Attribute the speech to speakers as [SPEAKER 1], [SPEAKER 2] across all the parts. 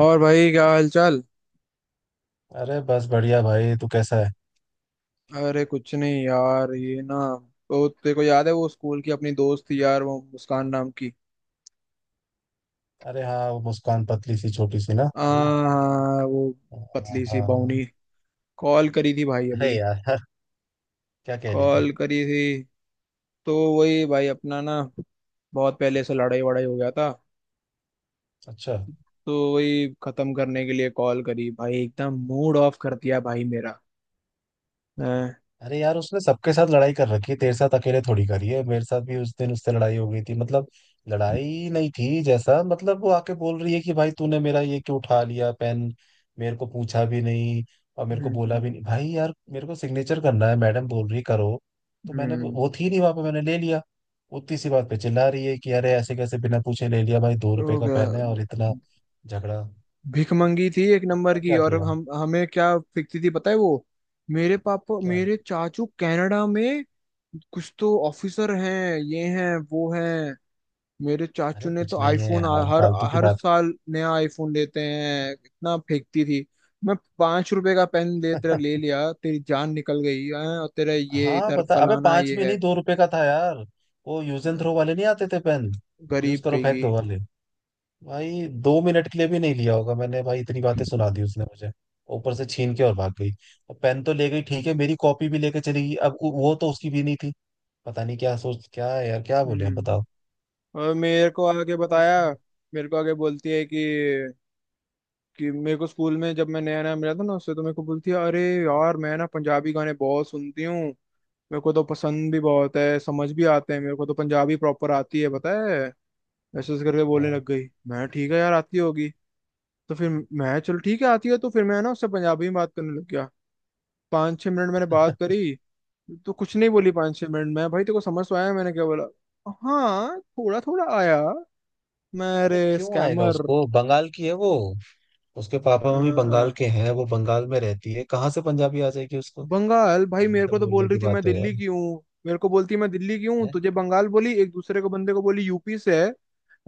[SPEAKER 1] और भाई क्या हाल चाल।
[SPEAKER 2] अरे बस बढ़िया भाई, तू कैसा है?
[SPEAKER 1] अरे कुछ नहीं यार, ये ना, तो तेरे को याद है वो स्कूल की अपनी दोस्त थी यार, वो मुस्कान नाम की।
[SPEAKER 2] अरे हाँ, वो मुस्कान, पतली सी छोटी सी, ना
[SPEAKER 1] आ
[SPEAKER 2] वही।
[SPEAKER 1] हाँ, वो
[SPEAKER 2] हाँ हाँ,
[SPEAKER 1] पतली सी
[SPEAKER 2] हाँ।
[SPEAKER 1] बाउनी, कॉल करी थी भाई
[SPEAKER 2] अरे
[SPEAKER 1] अभी।
[SPEAKER 2] यार क्या कह रही थी?
[SPEAKER 1] कॉल करी थी। तो वही भाई, अपना ना, बहुत पहले से लड़ाई वड़ाई हो गया था।
[SPEAKER 2] अच्छा।
[SPEAKER 1] तो वही खत्म करने के लिए कॉल करी भाई, एकदम मूड ऑफ कर दिया भाई मेरा। हैं?
[SPEAKER 2] अरे यार, उसने सबके साथ लड़ाई कर रखी है, तेरे साथ अकेले थोड़ी करी है। मेरे साथ भी उस दिन उससे लड़ाई हो गई थी। मतलब लड़ाई नहीं थी जैसा, मतलब वो आके बोल रही है कि भाई तूने मेरा ये क्यों उठा लिया पेन, मेरे को पूछा भी नहीं और मेरे को बोला
[SPEAKER 1] हम्म।
[SPEAKER 2] भी नहीं। भाई यार, मेरे को सिग्नेचर करना है, मैडम बोल रही करो, तो मैंने,
[SPEAKER 1] हम्म,
[SPEAKER 2] वो थी नहीं वहां पे, मैंने ले लिया। उतनी सी बात पे चिल्ला रही है कि अरे ऐसे कैसे बिना पूछे ले लिया। भाई 2 रुपए
[SPEAKER 1] तो
[SPEAKER 2] का
[SPEAKER 1] क्या
[SPEAKER 2] पेन है और इतना झगड़ा।
[SPEAKER 1] भीख मंगी थी एक नंबर
[SPEAKER 2] क्या
[SPEAKER 1] की।
[SPEAKER 2] क्या
[SPEAKER 1] और
[SPEAKER 2] किया?
[SPEAKER 1] हम हमें क्या फेंकती थी पता है वो। मेरे पापा
[SPEAKER 2] क्या?
[SPEAKER 1] मेरे चाचू कनाडा में कुछ तो ऑफिसर हैं, ये हैं वो हैं। मेरे
[SPEAKER 2] अरे
[SPEAKER 1] चाचू ने
[SPEAKER 2] कुछ
[SPEAKER 1] तो
[SPEAKER 2] नहीं है
[SPEAKER 1] आईफोन
[SPEAKER 2] यार,
[SPEAKER 1] हर
[SPEAKER 2] फालतू की
[SPEAKER 1] हर
[SPEAKER 2] बात।
[SPEAKER 1] साल नया आईफोन लेते हैं, इतना फेंकती थी। मैं 5 रुपए का पेन दे तेरा ले लिया तेरी जान निकल गई हैं, और तेरा ये
[SPEAKER 2] हाँ
[SPEAKER 1] इधर
[SPEAKER 2] बता, अबे
[SPEAKER 1] फलाना
[SPEAKER 2] 5
[SPEAKER 1] ये
[SPEAKER 2] भी
[SPEAKER 1] है,
[SPEAKER 2] नहीं, 2 रुपए का था यार। वो यूज एंड थ्रो वाले नहीं आते थे पेन, यूज
[SPEAKER 1] गरीब
[SPEAKER 2] करो फेंक
[SPEAKER 1] कहेगी।
[SPEAKER 2] दो वाले। भाई 2 मिनट के लिए भी नहीं लिया होगा मैंने, भाई इतनी बातें सुना दी उसने मुझे। ऊपर से छीन के और भाग गई, और पेन तो ले गई ठीक है, मेरी कॉपी भी लेके चली गई। अब वो तो उसकी भी नहीं थी। पता नहीं क्या सोच क्या है यार, क्या बोले हम,
[SPEAKER 1] हम्म।
[SPEAKER 2] बताओ।
[SPEAKER 1] और मेरे को आगे बताया। मेरे को आगे बोलती है कि मेरे को स्कूल में जब मैं नया नया मिला था ना उससे तो मेरे को बोलती है, अरे यार मैं ना पंजाबी गाने बहुत सुनती हूँ, मेरे को तो पसंद भी बहुत है, समझ भी आते हैं, मेरे को तो पंजाबी प्रॉपर आती है पता है। ऐसे ऐसे करके बोलने लग
[SPEAKER 2] हाँ।
[SPEAKER 1] गई। मैं, ठीक है यार आती होगी। तो फिर मैं चल ठीक है आती है, तो फिर मैं ना उससे पंजाबी में बात करने लग गया। 5-6 मिनट मैंने बात करी, तो कुछ नहीं बोली। 5-6 मिनट में भाई, तेरे को समझ तो आया मैंने क्या बोला? हाँ थोड़ा थोड़ा आया। मैं,
[SPEAKER 2] अरे
[SPEAKER 1] अरे
[SPEAKER 2] क्यों आएगा
[SPEAKER 1] स्कैमर!
[SPEAKER 2] उसको, बंगाल की है वो। उसके पापा मम्मी
[SPEAKER 1] हाँ,
[SPEAKER 2] बंगाल
[SPEAKER 1] हाँ।
[SPEAKER 2] के हैं, वो बंगाल में रहती है, कहाँ से पंजाबी आ जाएगी उसको।
[SPEAKER 1] बंगाल, भाई
[SPEAKER 2] भाई ये
[SPEAKER 1] मेरे
[SPEAKER 2] तो
[SPEAKER 1] को तो बोल
[SPEAKER 2] बोलने
[SPEAKER 1] रही
[SPEAKER 2] की
[SPEAKER 1] थी मैं
[SPEAKER 2] बात है
[SPEAKER 1] दिल्ली
[SPEAKER 2] यार।
[SPEAKER 1] की हूँ, मेरे को बोलती मैं दिल्ली की हूँ, तुझे बंगाल बोली, एक दूसरे को बंदे को बोली यूपी से है,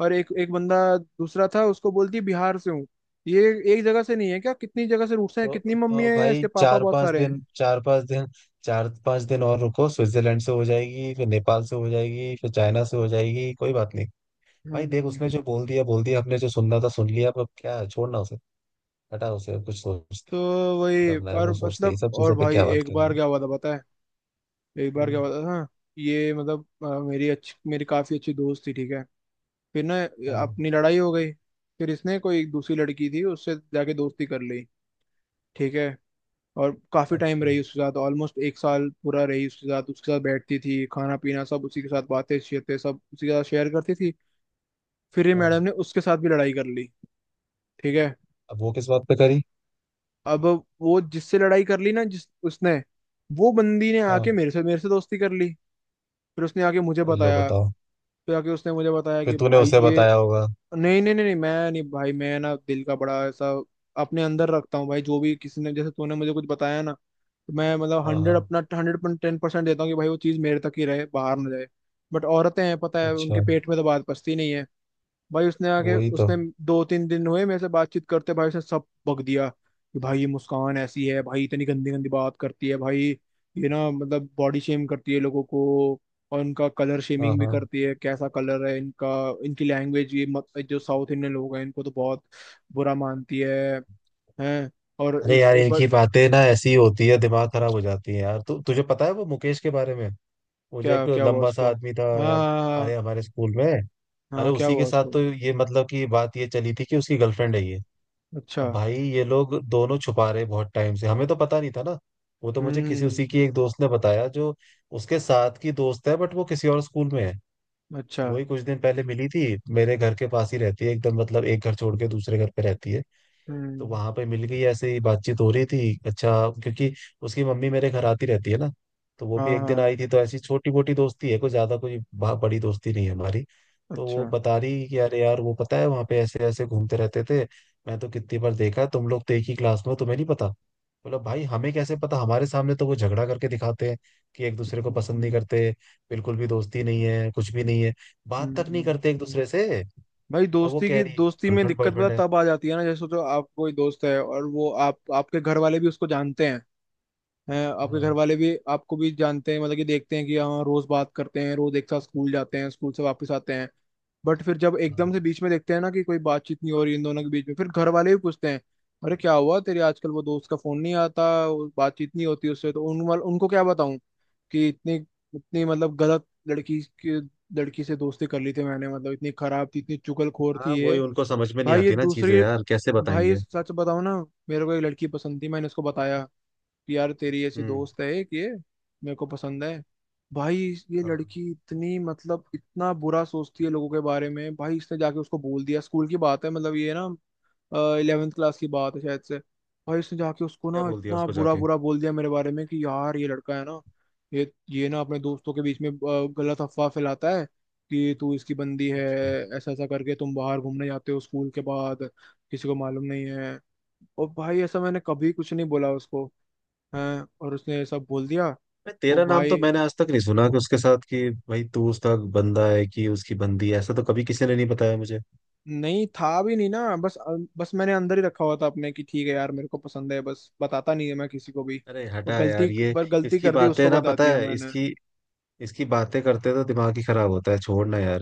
[SPEAKER 1] और एक एक बंदा दूसरा था उसको बोलती बिहार से हूँ। ये एक जगह से नहीं है क्या? कितनी जगह से रूट्स हैं,
[SPEAKER 2] तो
[SPEAKER 1] कितनी मम्मी
[SPEAKER 2] तो
[SPEAKER 1] है या
[SPEAKER 2] भाई
[SPEAKER 1] इसके पापा
[SPEAKER 2] चार
[SPEAKER 1] बहुत
[SPEAKER 2] पांच
[SPEAKER 1] सारे
[SPEAKER 2] दिन,
[SPEAKER 1] हैं।
[SPEAKER 2] चार पांच दिन, चार पांच दिन और रुको, स्विट्जरलैंड से हो जाएगी, फिर नेपाल से हो जाएगी, फिर चाइना से हो जाएगी, कोई बात नहीं। भाई देख,
[SPEAKER 1] हम्म।
[SPEAKER 2] उसने जो बोल दिया बोल दिया, हमने जो सुनना था सुन लिया। अब क्या है, छोड़ना उसे, हटा उसे, अब कुछ सोच
[SPEAKER 1] तो वही,
[SPEAKER 2] करना है
[SPEAKER 1] और
[SPEAKER 2] वो सोचते हैं, ये
[SPEAKER 1] मतलब,
[SPEAKER 2] सब
[SPEAKER 1] और
[SPEAKER 2] चीजों पे
[SPEAKER 1] भाई
[SPEAKER 2] क्या बात
[SPEAKER 1] एक
[SPEAKER 2] करनी
[SPEAKER 1] बार
[SPEAKER 2] है।
[SPEAKER 1] क्या हुआ था पता है। एक बार
[SPEAKER 2] हम्म,
[SPEAKER 1] क्या हुआ था, हाँ। ये मतलब, मेरी काफी अच्छी दोस्त थी ठीक है। फिर ना
[SPEAKER 2] हाँ।
[SPEAKER 1] अपनी लड़ाई हो गई। फिर इसने कोई एक दूसरी लड़की थी उससे जाके दोस्ती कर ली ठीक है, और काफी टाइम
[SPEAKER 2] अच्छा।
[SPEAKER 1] रही उसके साथ, ऑलमोस्ट एक साल पूरा रही उसके साथ, उसके साथ बैठती थी, खाना पीना सब उसी के साथ, बातें शेतें सब उसी के साथ शेयर करती थी। फिर ये मैडम
[SPEAKER 2] हाँ।
[SPEAKER 1] ने उसके साथ भी लड़ाई कर ली ठीक है।
[SPEAKER 2] अब वो किस बात पे करी?
[SPEAKER 1] अब, वो जिससे लड़ाई कर ली ना, जिस उसने वो बंदी ने
[SPEAKER 2] हाँ।
[SPEAKER 1] आके मेरे से दोस्ती कर ली। फिर उसने आके मुझे
[SPEAKER 2] लो
[SPEAKER 1] बताया।
[SPEAKER 2] बताओ।
[SPEAKER 1] फिर आके उसने मुझे बताया
[SPEAKER 2] फिर
[SPEAKER 1] कि
[SPEAKER 2] तूने
[SPEAKER 1] भाई
[SPEAKER 2] उसे
[SPEAKER 1] ये,
[SPEAKER 2] बताया होगा।
[SPEAKER 1] नहीं नहीं नहीं नहीं, मैं नहीं भाई, मैं ना दिल का बड़ा ऐसा अपने अंदर रखता हूँ भाई। जो भी किसी ने, जैसे तूने मुझे कुछ बताया ना, तो मैं मतलब
[SPEAKER 2] हाँ हाँ।
[SPEAKER 1] 100.10% देता हूँ कि भाई वो चीज़ मेरे तक ही रहे, बाहर ना जाए। बट औरतें हैं पता है, उनके
[SPEAKER 2] अच्छा।
[SPEAKER 1] पेट में तो बात पचती नहीं है। भाई उसने आके
[SPEAKER 2] वही तो।
[SPEAKER 1] उसने, 2-3 दिन हुए मेरे से बातचीत करते, भाई उसने सब बक दिया कि भाई ये मुस्कान ऐसी है, भाई इतनी गंदी गंदी बात करती है भाई, ये ना मतलब बॉडी शेम करती है लोगों को, और उनका कलर
[SPEAKER 2] हाँ
[SPEAKER 1] शेमिंग भी
[SPEAKER 2] हाँ।
[SPEAKER 1] करती है, कैसा कलर है इनका, इनकी लैंग्वेज। ये मत, जो साउथ इंडियन लोग हैं इनको तो बहुत बुरा मानती है। हैं। और
[SPEAKER 2] अरे यार,
[SPEAKER 1] एक बार,
[SPEAKER 2] इनकी बातें ना ऐसी होती है, दिमाग खराब हो जाती है यार। तुझे पता है वो मुकेश के बारे में, वो जो
[SPEAKER 1] क्या
[SPEAKER 2] एक
[SPEAKER 1] क्या हुआ
[SPEAKER 2] लंबा सा
[SPEAKER 1] उसको?
[SPEAKER 2] आदमी था
[SPEAKER 1] हाँ
[SPEAKER 2] यार?
[SPEAKER 1] हाँ
[SPEAKER 2] अरे
[SPEAKER 1] हाँ।
[SPEAKER 2] हमारे स्कूल में।
[SPEAKER 1] हाँ,
[SPEAKER 2] अरे
[SPEAKER 1] हाँ, क्या
[SPEAKER 2] उसी के
[SPEAKER 1] हुआ
[SPEAKER 2] साथ
[SPEAKER 1] उसको?
[SPEAKER 2] तो ये, मतलब कि बात ये चली थी कि उसकी गर्लफ्रेंड है ये।
[SPEAKER 1] अच्छा।
[SPEAKER 2] अब भाई ये लोग दोनों छुपा रहे बहुत टाइम से, हमें तो पता नहीं था ना। वो तो मुझे किसी,
[SPEAKER 1] हम्म।
[SPEAKER 2] उसी की एक दोस्त ने बताया जो उसके साथ की दोस्त है, बट वो किसी और स्कूल में है।
[SPEAKER 1] अच्छा।
[SPEAKER 2] तो वही कुछ दिन पहले मिली थी। मेरे घर के पास ही रहती है, एकदम मतलब एक घर छोड़ के दूसरे घर पे रहती है। तो
[SPEAKER 1] हम्म।
[SPEAKER 2] वहां पे मिल गई, ऐसे ही बातचीत हो रही थी। अच्छा, क्योंकि उसकी मम्मी मेरे घर आती रहती है ना, तो वो भी
[SPEAKER 1] हाँ
[SPEAKER 2] एक दिन आई
[SPEAKER 1] हाँ।
[SPEAKER 2] थी, तो ऐसी छोटी मोटी दोस्ती है, कोई ज्यादा कोई बड़ी दोस्ती नहीं है हमारी। तो वो
[SPEAKER 1] अच्छा।
[SPEAKER 2] बता रही कि अरे यार, वो पता है वहां पे ऐसे ऐसे घूमते रहते थे। मैं तो कितनी बार देखा है, तुम लोग तो एक ही क्लास में हो, तुम्हें नहीं पता? बोला भाई हमें कैसे पता, हमारे सामने तो वो झगड़ा करके दिखाते हैं कि एक दूसरे को
[SPEAKER 1] हम्म।
[SPEAKER 2] पसंद नहीं
[SPEAKER 1] हम्म।
[SPEAKER 2] करते, बिल्कुल भी दोस्ती नहीं है, कुछ भी नहीं है, बात तक नहीं
[SPEAKER 1] हम्म।
[SPEAKER 2] करते एक दूसरे से।
[SPEAKER 1] भाई
[SPEAKER 2] अब वो
[SPEAKER 1] दोस्ती
[SPEAKER 2] कह
[SPEAKER 1] की,
[SPEAKER 2] रही है
[SPEAKER 1] दोस्ती में
[SPEAKER 2] गर्लफ्रेंड
[SPEAKER 1] दिक्कत पता
[SPEAKER 2] बॉयफ्रेंड है।
[SPEAKER 1] तब आ जाती है ना, जैसे सोचो आप कोई दोस्त है और वो आप, आपके घर वाले भी उसको जानते हैं आपके
[SPEAKER 2] हाँ
[SPEAKER 1] घर वाले भी, आपको भी जानते हैं, मतलब कि देखते हैं कि हाँ रोज बात करते हैं, रोज एक साथ स्कूल जाते हैं, स्कूल से वापस आते हैं, बट फिर जब
[SPEAKER 2] हाँ।
[SPEAKER 1] एकदम से बीच में देखते हैं ना कि कोई बातचीत नहीं हो रही इन दोनों के बीच में, फिर घर वाले भी पूछते हैं, अरे क्या हुआ तेरे आजकल, वो दोस्त का फोन नहीं आता, वो बातचीत नहीं होती उससे, तो उनको क्या बताऊं कि इतनी इतनी मतलब गलत लड़की की लड़की से दोस्ती कर ली थी मैंने, मतलब इतनी खराब थी, इतनी चुगलखोर थी
[SPEAKER 2] हाँ, वही
[SPEAKER 1] ये।
[SPEAKER 2] उनको समझ में नहीं
[SPEAKER 1] भाई ये
[SPEAKER 2] आती ना चीजें
[SPEAKER 1] दूसरी
[SPEAKER 2] यार, कैसे
[SPEAKER 1] भाई
[SPEAKER 2] बताएंगे।
[SPEAKER 1] सच बताऊं ना, मेरे को एक लड़की पसंद थी, मैंने उसको बताया यार तेरी ऐसी
[SPEAKER 2] हम्म।
[SPEAKER 1] दोस्त है एक ये, मेरे को पसंद है। भाई ये
[SPEAKER 2] हाँ।
[SPEAKER 1] लड़की इतनी मतलब इतना बुरा सोचती है लोगों के बारे में, भाई इसने जाके उसको बोल दिया, स्कूल की बात है मतलब, ये ना 11वीं क्लास की बात है शायद से। भाई इसने जाके उसको
[SPEAKER 2] क्या
[SPEAKER 1] ना
[SPEAKER 2] बोल दिया
[SPEAKER 1] इतना
[SPEAKER 2] उसको
[SPEAKER 1] बुरा
[SPEAKER 2] जाके?
[SPEAKER 1] बुरा बोल दिया मेरे बारे में, कि यार ये लड़का है ना, ये ना अपने दोस्तों के बीच में गलत अफवाह फैलाता है कि तू इसकी बंदी है,
[SPEAKER 2] अच्छा।
[SPEAKER 1] ऐसा ऐसा करके तुम बाहर घूमने जाते हो स्कूल के बाद, किसी को मालूम नहीं है। और भाई ऐसा मैंने कभी कुछ नहीं बोला उसको। हैं, और उसने ये सब बोल दिया।
[SPEAKER 2] मैं,
[SPEAKER 1] वो
[SPEAKER 2] तेरा नाम
[SPEAKER 1] भाई,
[SPEAKER 2] तो मैंने आज तक नहीं सुना कि उसके साथ, कि भाई तू उसका बंदा है कि उसकी बंदी है, ऐसा तो कभी किसी ने नहीं बताया मुझे।
[SPEAKER 1] नहीं था भी नहीं ना, बस, मैंने अंदर ही रखा हुआ था अपने कि ठीक है यार मेरे को पसंद है, बस बताता नहीं है मैं किसी को भी।
[SPEAKER 2] अरे
[SPEAKER 1] वो
[SPEAKER 2] हटा
[SPEAKER 1] गलती,
[SPEAKER 2] यार ये,
[SPEAKER 1] पर गलती
[SPEAKER 2] इसकी
[SPEAKER 1] कर दी,
[SPEAKER 2] बातें
[SPEAKER 1] उसको
[SPEAKER 2] ना,
[SPEAKER 1] बता
[SPEAKER 2] पता
[SPEAKER 1] दिया
[SPEAKER 2] है
[SPEAKER 1] मैंने।
[SPEAKER 2] इसकी, इसकी बातें करते तो दिमाग ही खराब होता है, छोड़ना यार।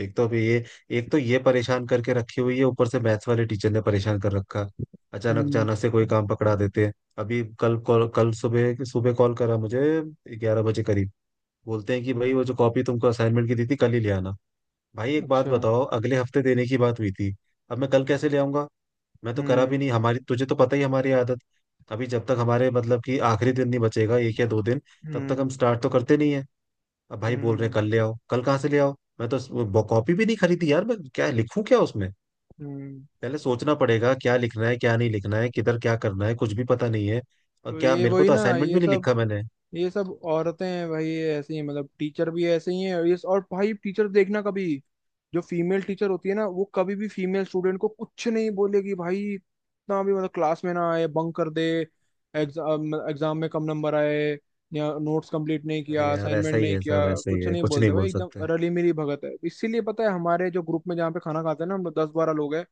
[SPEAKER 2] एक तो अभी ये, एक तो ये परेशान करके रखी हुई है, ऊपर से मैथ्स वाले टीचर ने परेशान कर रखा। अचानक
[SPEAKER 1] हम्म।
[SPEAKER 2] अचानक से कोई काम पकड़ा देते हैं। अभी कल सुबह सुबह कॉल करा मुझे, 11 बजे करीब। बोलते हैं कि भाई वो जो कॉपी तुमको असाइनमेंट की दी थी, कल ही ले आना। भाई एक बात
[SPEAKER 1] अच्छा।
[SPEAKER 2] बताओ, अगले हफ्ते देने की बात हुई थी, अब मैं कल कैसे ले आऊंगा? मैं तो करा भी
[SPEAKER 1] हम्म।
[SPEAKER 2] नहीं, हमारी, तुझे तो पता ही हमारी आदत। अभी जब तक हमारे, मतलब कि आखिरी दिन नहीं बचेगा, 1 या 2 दिन, तब तक हम
[SPEAKER 1] हम्म।
[SPEAKER 2] स्टार्ट तो करते नहीं है। अब भाई बोल रहे हैं
[SPEAKER 1] हम्म।
[SPEAKER 2] कल ले आओ, कल कहाँ से ले आओ। मैं तो वो कॉपी भी नहीं खरीदी यार, मैं क्या लिखूं क्या उसमें।
[SPEAKER 1] हम्म,
[SPEAKER 2] पहले सोचना पड़ेगा क्या लिखना है, क्या नहीं लिखना है, किधर क्या करना है, कुछ भी पता नहीं है। और
[SPEAKER 1] तो
[SPEAKER 2] क्या,
[SPEAKER 1] ये
[SPEAKER 2] मेरे को
[SPEAKER 1] वही
[SPEAKER 2] तो
[SPEAKER 1] ना,
[SPEAKER 2] असाइनमेंट भी नहीं लिखा मैंने।
[SPEAKER 1] ये सब औरतें हैं भाई, ये ऐसी हैं, मतलब टीचर भी ऐसे ही हैं, और ये, और भाई टीचर देखना कभी, जो फीमेल टीचर होती है ना वो कभी भी फीमेल स्टूडेंट को कुछ नहीं बोलेगी भाई, इतना भी मतलब क्लास में ना आए, बंक कर दे, एग्जाम एग्जाम में कम नंबर आए, या नोट्स कंप्लीट नहीं
[SPEAKER 2] अरे
[SPEAKER 1] किया,
[SPEAKER 2] यार ऐसा
[SPEAKER 1] असाइनमेंट
[SPEAKER 2] ही
[SPEAKER 1] नहीं
[SPEAKER 2] है,
[SPEAKER 1] किया,
[SPEAKER 2] सब ऐसा ही
[SPEAKER 1] कुछ
[SPEAKER 2] है,
[SPEAKER 1] नहीं
[SPEAKER 2] कुछ नहीं
[SPEAKER 1] बोलते भाई,
[SPEAKER 2] बोल
[SPEAKER 1] एकदम
[SPEAKER 2] सकते।
[SPEAKER 1] रली मिली भगत है। इसीलिए पता है हमारे जो ग्रुप में जहाँ पे खाना खाते हैं ना, हम लोग 10-12 लोग हैं।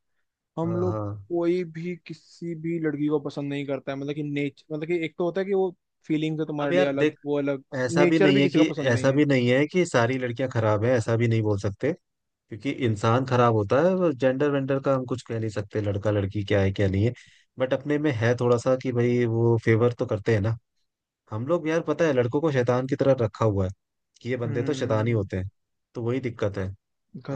[SPEAKER 1] हम
[SPEAKER 2] हाँ
[SPEAKER 1] लोग
[SPEAKER 2] हाँ।
[SPEAKER 1] कोई भी किसी भी लड़की को पसंद नहीं करता है, मतलब कि नेच मतलब कि एक तो होता है कि वो फीलिंग्स है तुम्हारे
[SPEAKER 2] अब
[SPEAKER 1] लिए
[SPEAKER 2] यार
[SPEAKER 1] अलग
[SPEAKER 2] देख,
[SPEAKER 1] वो अलग,
[SPEAKER 2] ऐसा भी
[SPEAKER 1] नेचर
[SPEAKER 2] नहीं
[SPEAKER 1] भी
[SPEAKER 2] है
[SPEAKER 1] किसी का
[SPEAKER 2] कि,
[SPEAKER 1] पसंद नहीं
[SPEAKER 2] ऐसा
[SPEAKER 1] है।
[SPEAKER 2] भी नहीं है कि सारी लड़कियां खराब है, ऐसा भी नहीं बोल सकते। क्योंकि इंसान खराब होता है, जेंडर वेंडर का हम कुछ कह नहीं सकते, लड़का लड़की क्या है क्या नहीं है। बट अपने में है थोड़ा सा कि भाई वो फेवर तो करते हैं ना। हम लोग यार पता है लड़कों को शैतान की तरह रखा हुआ है, कि ये बंदे तो शैतान ही
[SPEAKER 1] हम्म।
[SPEAKER 2] होते हैं, तो वही दिक्कत है।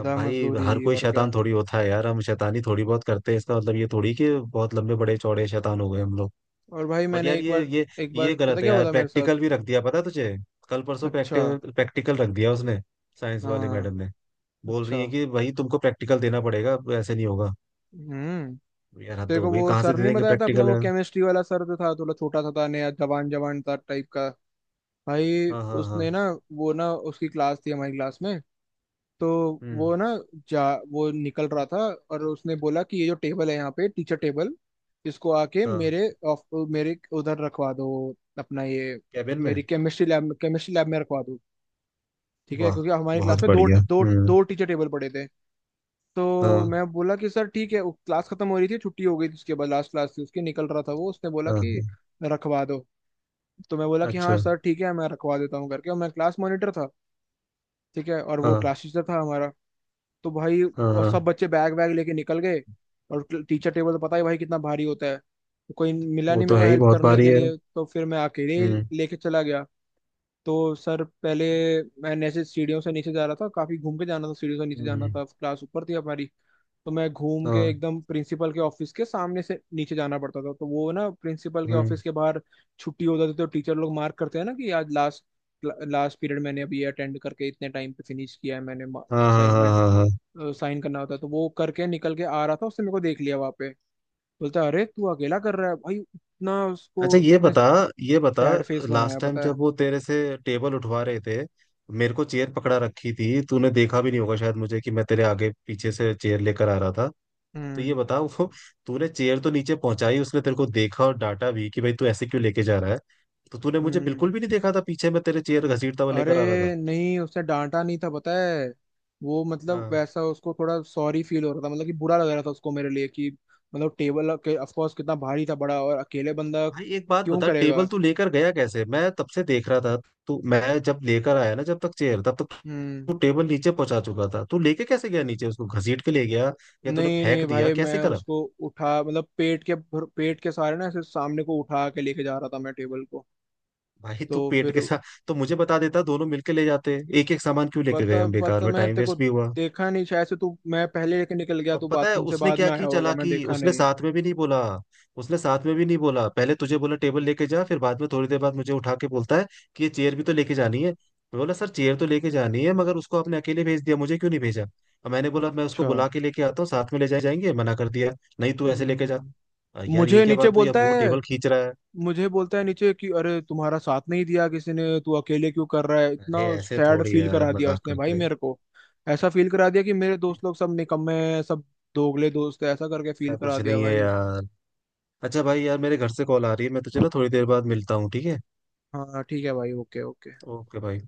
[SPEAKER 2] अब भाई
[SPEAKER 1] मजदूरी।
[SPEAKER 2] हर कोई
[SPEAKER 1] और
[SPEAKER 2] शैतान
[SPEAKER 1] क्या।
[SPEAKER 2] थोड़ी होता है यार, हम शैतानी थोड़ी बहुत करते हैं, इसका मतलब ये थोड़ी कि बहुत लंबे बड़े चौड़े शैतान हो गए हम लोग।
[SPEAKER 1] और भाई
[SPEAKER 2] बट
[SPEAKER 1] मैंने
[SPEAKER 2] यार
[SPEAKER 1] एक
[SPEAKER 2] ये
[SPEAKER 1] बार,
[SPEAKER 2] ये ये
[SPEAKER 1] पता
[SPEAKER 2] गलत है
[SPEAKER 1] क्या हुआ
[SPEAKER 2] यार।
[SPEAKER 1] था मेरे साथ।
[SPEAKER 2] प्रैक्टिकल भी रख दिया, पता है तुझे? कल परसों
[SPEAKER 1] अच्छा।
[SPEAKER 2] प्रैक्टिकल, प्रैक्टिकल रख दिया उसने, साइंस वाले
[SPEAKER 1] हाँ।
[SPEAKER 2] मैडम ने। बोल रही है
[SPEAKER 1] अच्छा।
[SPEAKER 2] कि भाई तुमको प्रैक्टिकल देना पड़ेगा, ऐसे नहीं होगा।
[SPEAKER 1] हम्म।
[SPEAKER 2] यार हद
[SPEAKER 1] तेरे
[SPEAKER 2] हो
[SPEAKER 1] को
[SPEAKER 2] गई,
[SPEAKER 1] वो
[SPEAKER 2] कहाँ से
[SPEAKER 1] सर
[SPEAKER 2] दे
[SPEAKER 1] नहीं
[SPEAKER 2] देंगे
[SPEAKER 1] बताया था अपना,
[SPEAKER 2] प्रैक्टिकल
[SPEAKER 1] वो
[SPEAKER 2] यार।
[SPEAKER 1] केमिस्ट्री वाला सर जो था, थोड़ा छोटा सा था, नया जवान जवान था टाइप का। भाई
[SPEAKER 2] हाँ हाँ हाँ।
[SPEAKER 1] उसने ना, वो ना उसकी क्लास थी हमारी क्लास में, तो
[SPEAKER 2] हम्म।
[SPEAKER 1] वो ना, जा वो निकल रहा था, और उसने बोला कि ये जो टेबल है यहाँ पे टीचर टेबल, इसको आके
[SPEAKER 2] हाँ।
[SPEAKER 1] मेरे उधर रखवा दो, अपना ये,
[SPEAKER 2] कैबिन में?
[SPEAKER 1] मेरी केमिस्ट्री लैब में रखवा दो ठीक है,
[SPEAKER 2] वाह,
[SPEAKER 1] क्योंकि हमारी क्लास
[SPEAKER 2] बहुत
[SPEAKER 1] में दो
[SPEAKER 2] बढ़िया।
[SPEAKER 1] दो
[SPEAKER 2] हम्म।
[SPEAKER 1] दो टीचर टेबल पड़े थे। तो
[SPEAKER 2] हाँ
[SPEAKER 1] मैं बोला कि सर ठीक है। वो क्लास खत्म हो रही थी, छुट्टी हो गई थी, उसके बाद लास्ट क्लास थी उसकी, निकल रहा था वो, उसने बोला
[SPEAKER 2] हाँ
[SPEAKER 1] कि
[SPEAKER 2] हाँ।
[SPEAKER 1] रखवा दो, तो मैं बोला कि हाँ
[SPEAKER 2] अच्छा।
[SPEAKER 1] सर ठीक है मैं रखवा देता हूँ करके, और मैं क्लास मॉनिटर था ठीक है, और वो
[SPEAKER 2] हाँ
[SPEAKER 1] क्लास टीचर था हमारा। तो भाई
[SPEAKER 2] हाँ
[SPEAKER 1] और
[SPEAKER 2] हाँ।
[SPEAKER 1] सब बच्चे बैग वैग लेके निकल गए, और टीचर टेबल तो पता ही भाई कितना भारी होता है, तो कोई मिला
[SPEAKER 2] वो
[SPEAKER 1] नहीं मेरे
[SPEAKER 2] तो
[SPEAKER 1] को
[SPEAKER 2] है ही,
[SPEAKER 1] हेल्प
[SPEAKER 2] बहुत
[SPEAKER 1] करने
[SPEAKER 2] भारी
[SPEAKER 1] के
[SPEAKER 2] है।
[SPEAKER 1] लिए, तो फिर मैं अकेले ही
[SPEAKER 2] हम्म।
[SPEAKER 1] लेके चला गया। तो सर पहले, मैं नीचे सीढ़ियों से नीचे जा रहा था, काफी घूम के जाना था, सीढ़ियों से नीचे जाना
[SPEAKER 2] हम्म।
[SPEAKER 1] था, क्लास ऊपर थी हमारी, तो मैं घूम के
[SPEAKER 2] हाँ।
[SPEAKER 1] एकदम प्रिंसिपल के ऑफिस के सामने से नीचे जाना पड़ता था, तो वो ना प्रिंसिपल के
[SPEAKER 2] हम्म।
[SPEAKER 1] ऑफिस के बाहर, छुट्टी हो जाती तो टीचर लोग मार्क करते हैं ना कि आज लास्ट लास्ट पीरियड मैंने अभी अटेंड करके इतने टाइम पे फिनिश किया है मैंने
[SPEAKER 2] हाँ हाँ हाँ
[SPEAKER 1] असाइनमेंट,
[SPEAKER 2] हाँ हाँ।
[SPEAKER 1] साइन करना होता है। तो वो करके निकल के आ रहा था, उसने मेरे को देख लिया वहां पे, बोलता है अरे तू अकेला कर रहा है भाई उतना उसको,
[SPEAKER 2] अच्छा ये
[SPEAKER 1] उसने
[SPEAKER 2] बता, ये बता
[SPEAKER 1] सैड फेस बनाया
[SPEAKER 2] लास्ट टाइम
[SPEAKER 1] पता है।
[SPEAKER 2] जब वो तेरे से टेबल उठवा रहे थे, मेरे को चेयर पकड़ा रखी थी, तूने देखा भी नहीं होगा शायद मुझे कि मैं तेरे आगे पीछे से चेयर लेकर आ रहा था। तो ये
[SPEAKER 1] हम्म।
[SPEAKER 2] बता, वो, तूने चेयर तो नीचे पहुंचाई, उसने तेरे को देखा और डांटा भी कि भाई तू ऐसे क्यों लेके जा रहा है, तो तूने मुझे
[SPEAKER 1] हम्म।
[SPEAKER 2] बिल्कुल भी नहीं देखा था पीछे? मैं तेरे चेयर घसीटता हुआ
[SPEAKER 1] अरे
[SPEAKER 2] लेकर आ रहा था।
[SPEAKER 1] नहीं उसने डांटा नहीं था पता है, वो मतलब
[SPEAKER 2] हाँ।
[SPEAKER 1] वैसा उसको थोड़ा सॉरी फील हो रहा था, मतलब कि बुरा लग रहा था उसको मेरे लिए कि मतलब टेबल के ऑफ कोर्स कितना भारी था, बड़ा, और अकेले बंदा
[SPEAKER 2] भाई एक बात
[SPEAKER 1] क्यों
[SPEAKER 2] बता,
[SPEAKER 1] करेगा।
[SPEAKER 2] टेबल तू लेकर गया कैसे? मैं तब से देख रहा था, तू, मैं जब लेकर आया ना, जब तक चेयर, तब तक
[SPEAKER 1] हम्म।
[SPEAKER 2] तू टेबल नीचे पहुंचा चुका था। तू लेके कैसे गया नीचे, उसको घसीट के ले गया या तूने
[SPEAKER 1] नहीं नहीं
[SPEAKER 2] फेंक दिया,
[SPEAKER 1] भाई
[SPEAKER 2] कैसे
[SPEAKER 1] मैं
[SPEAKER 2] करा?
[SPEAKER 1] उसको उठा मतलब पेट के सहारे ना ऐसे सामने को उठा के लेके जा रहा था मैं टेबल को।
[SPEAKER 2] भाई
[SPEAKER 1] तो
[SPEAKER 2] तू पेट
[SPEAKER 1] फिर
[SPEAKER 2] के साथ, तो मुझे बता देता, दोनों मिलके ले जाते। एक एक सामान क्यों लेके गए
[SPEAKER 1] पता
[SPEAKER 2] हम, बेकार
[SPEAKER 1] पता
[SPEAKER 2] में
[SPEAKER 1] मैं
[SPEAKER 2] टाइम
[SPEAKER 1] तेरे को
[SPEAKER 2] वेस्ट भी हुआ।
[SPEAKER 1] देखा नहीं शायद से तू, मैं पहले लेके निकल गया,
[SPEAKER 2] अब
[SPEAKER 1] तू
[SPEAKER 2] पता है
[SPEAKER 1] बाथरूम से
[SPEAKER 2] उसने
[SPEAKER 1] बाद
[SPEAKER 2] क्या
[SPEAKER 1] में आया
[SPEAKER 2] की
[SPEAKER 1] होगा, मैं
[SPEAKER 2] चालाकी,
[SPEAKER 1] देखा
[SPEAKER 2] उसने
[SPEAKER 1] नहीं।
[SPEAKER 2] साथ में भी नहीं बोला, उसने साथ में भी नहीं बोला। पहले तुझे बोला टेबल लेके जा, फिर बाद में थोड़ी देर बाद मुझे उठा के बोलता है कि ये चेयर भी तो लेके जानी है। मैं बोला सर चेयर तो लेके जानी है, मगर उसको आपने अकेले भेज दिया, मुझे क्यों नहीं भेजा? और मैंने बोला मैं उसको
[SPEAKER 1] अच्छा।
[SPEAKER 2] बुला के लेके आता हूँ, साथ में ले जाए जाएंगे, मना कर दिया, नहीं तू ऐसे लेके जा।
[SPEAKER 1] हम्म।
[SPEAKER 2] यार ये
[SPEAKER 1] मुझे
[SPEAKER 2] क्या
[SPEAKER 1] नीचे
[SPEAKER 2] बात हुई,
[SPEAKER 1] बोलता
[SPEAKER 2] अब वो
[SPEAKER 1] है,
[SPEAKER 2] टेबल खींच रहा है।
[SPEAKER 1] मुझे बोलता है नीचे कि अरे तुम्हारा साथ नहीं दिया किसी ने, तू अकेले क्यों कर रहा है, इतना
[SPEAKER 2] अरे ऐसे
[SPEAKER 1] सैड
[SPEAKER 2] थोड़ी है
[SPEAKER 1] फील
[SPEAKER 2] यार,
[SPEAKER 1] करा दिया
[SPEAKER 2] मजाक
[SPEAKER 1] उसने भाई
[SPEAKER 2] करते हैं।
[SPEAKER 1] मेरे को। ऐसा फील करा दिया कि मेरे दोस्त लोग सब निकम्मे हैं, सब दोगले दोस्त हैं, ऐसा करके
[SPEAKER 2] ऐसा
[SPEAKER 1] फील करा
[SPEAKER 2] कुछ
[SPEAKER 1] दिया
[SPEAKER 2] नहीं है
[SPEAKER 1] भाई।
[SPEAKER 2] यार। अच्छा भाई यार, मेरे घर से कॉल आ रही है, मैं तुझे ना थोड़ी देर बाद मिलता हूँ, ठीक है?
[SPEAKER 1] हाँ ठीक है भाई। Okay okay.
[SPEAKER 2] ओके भाई।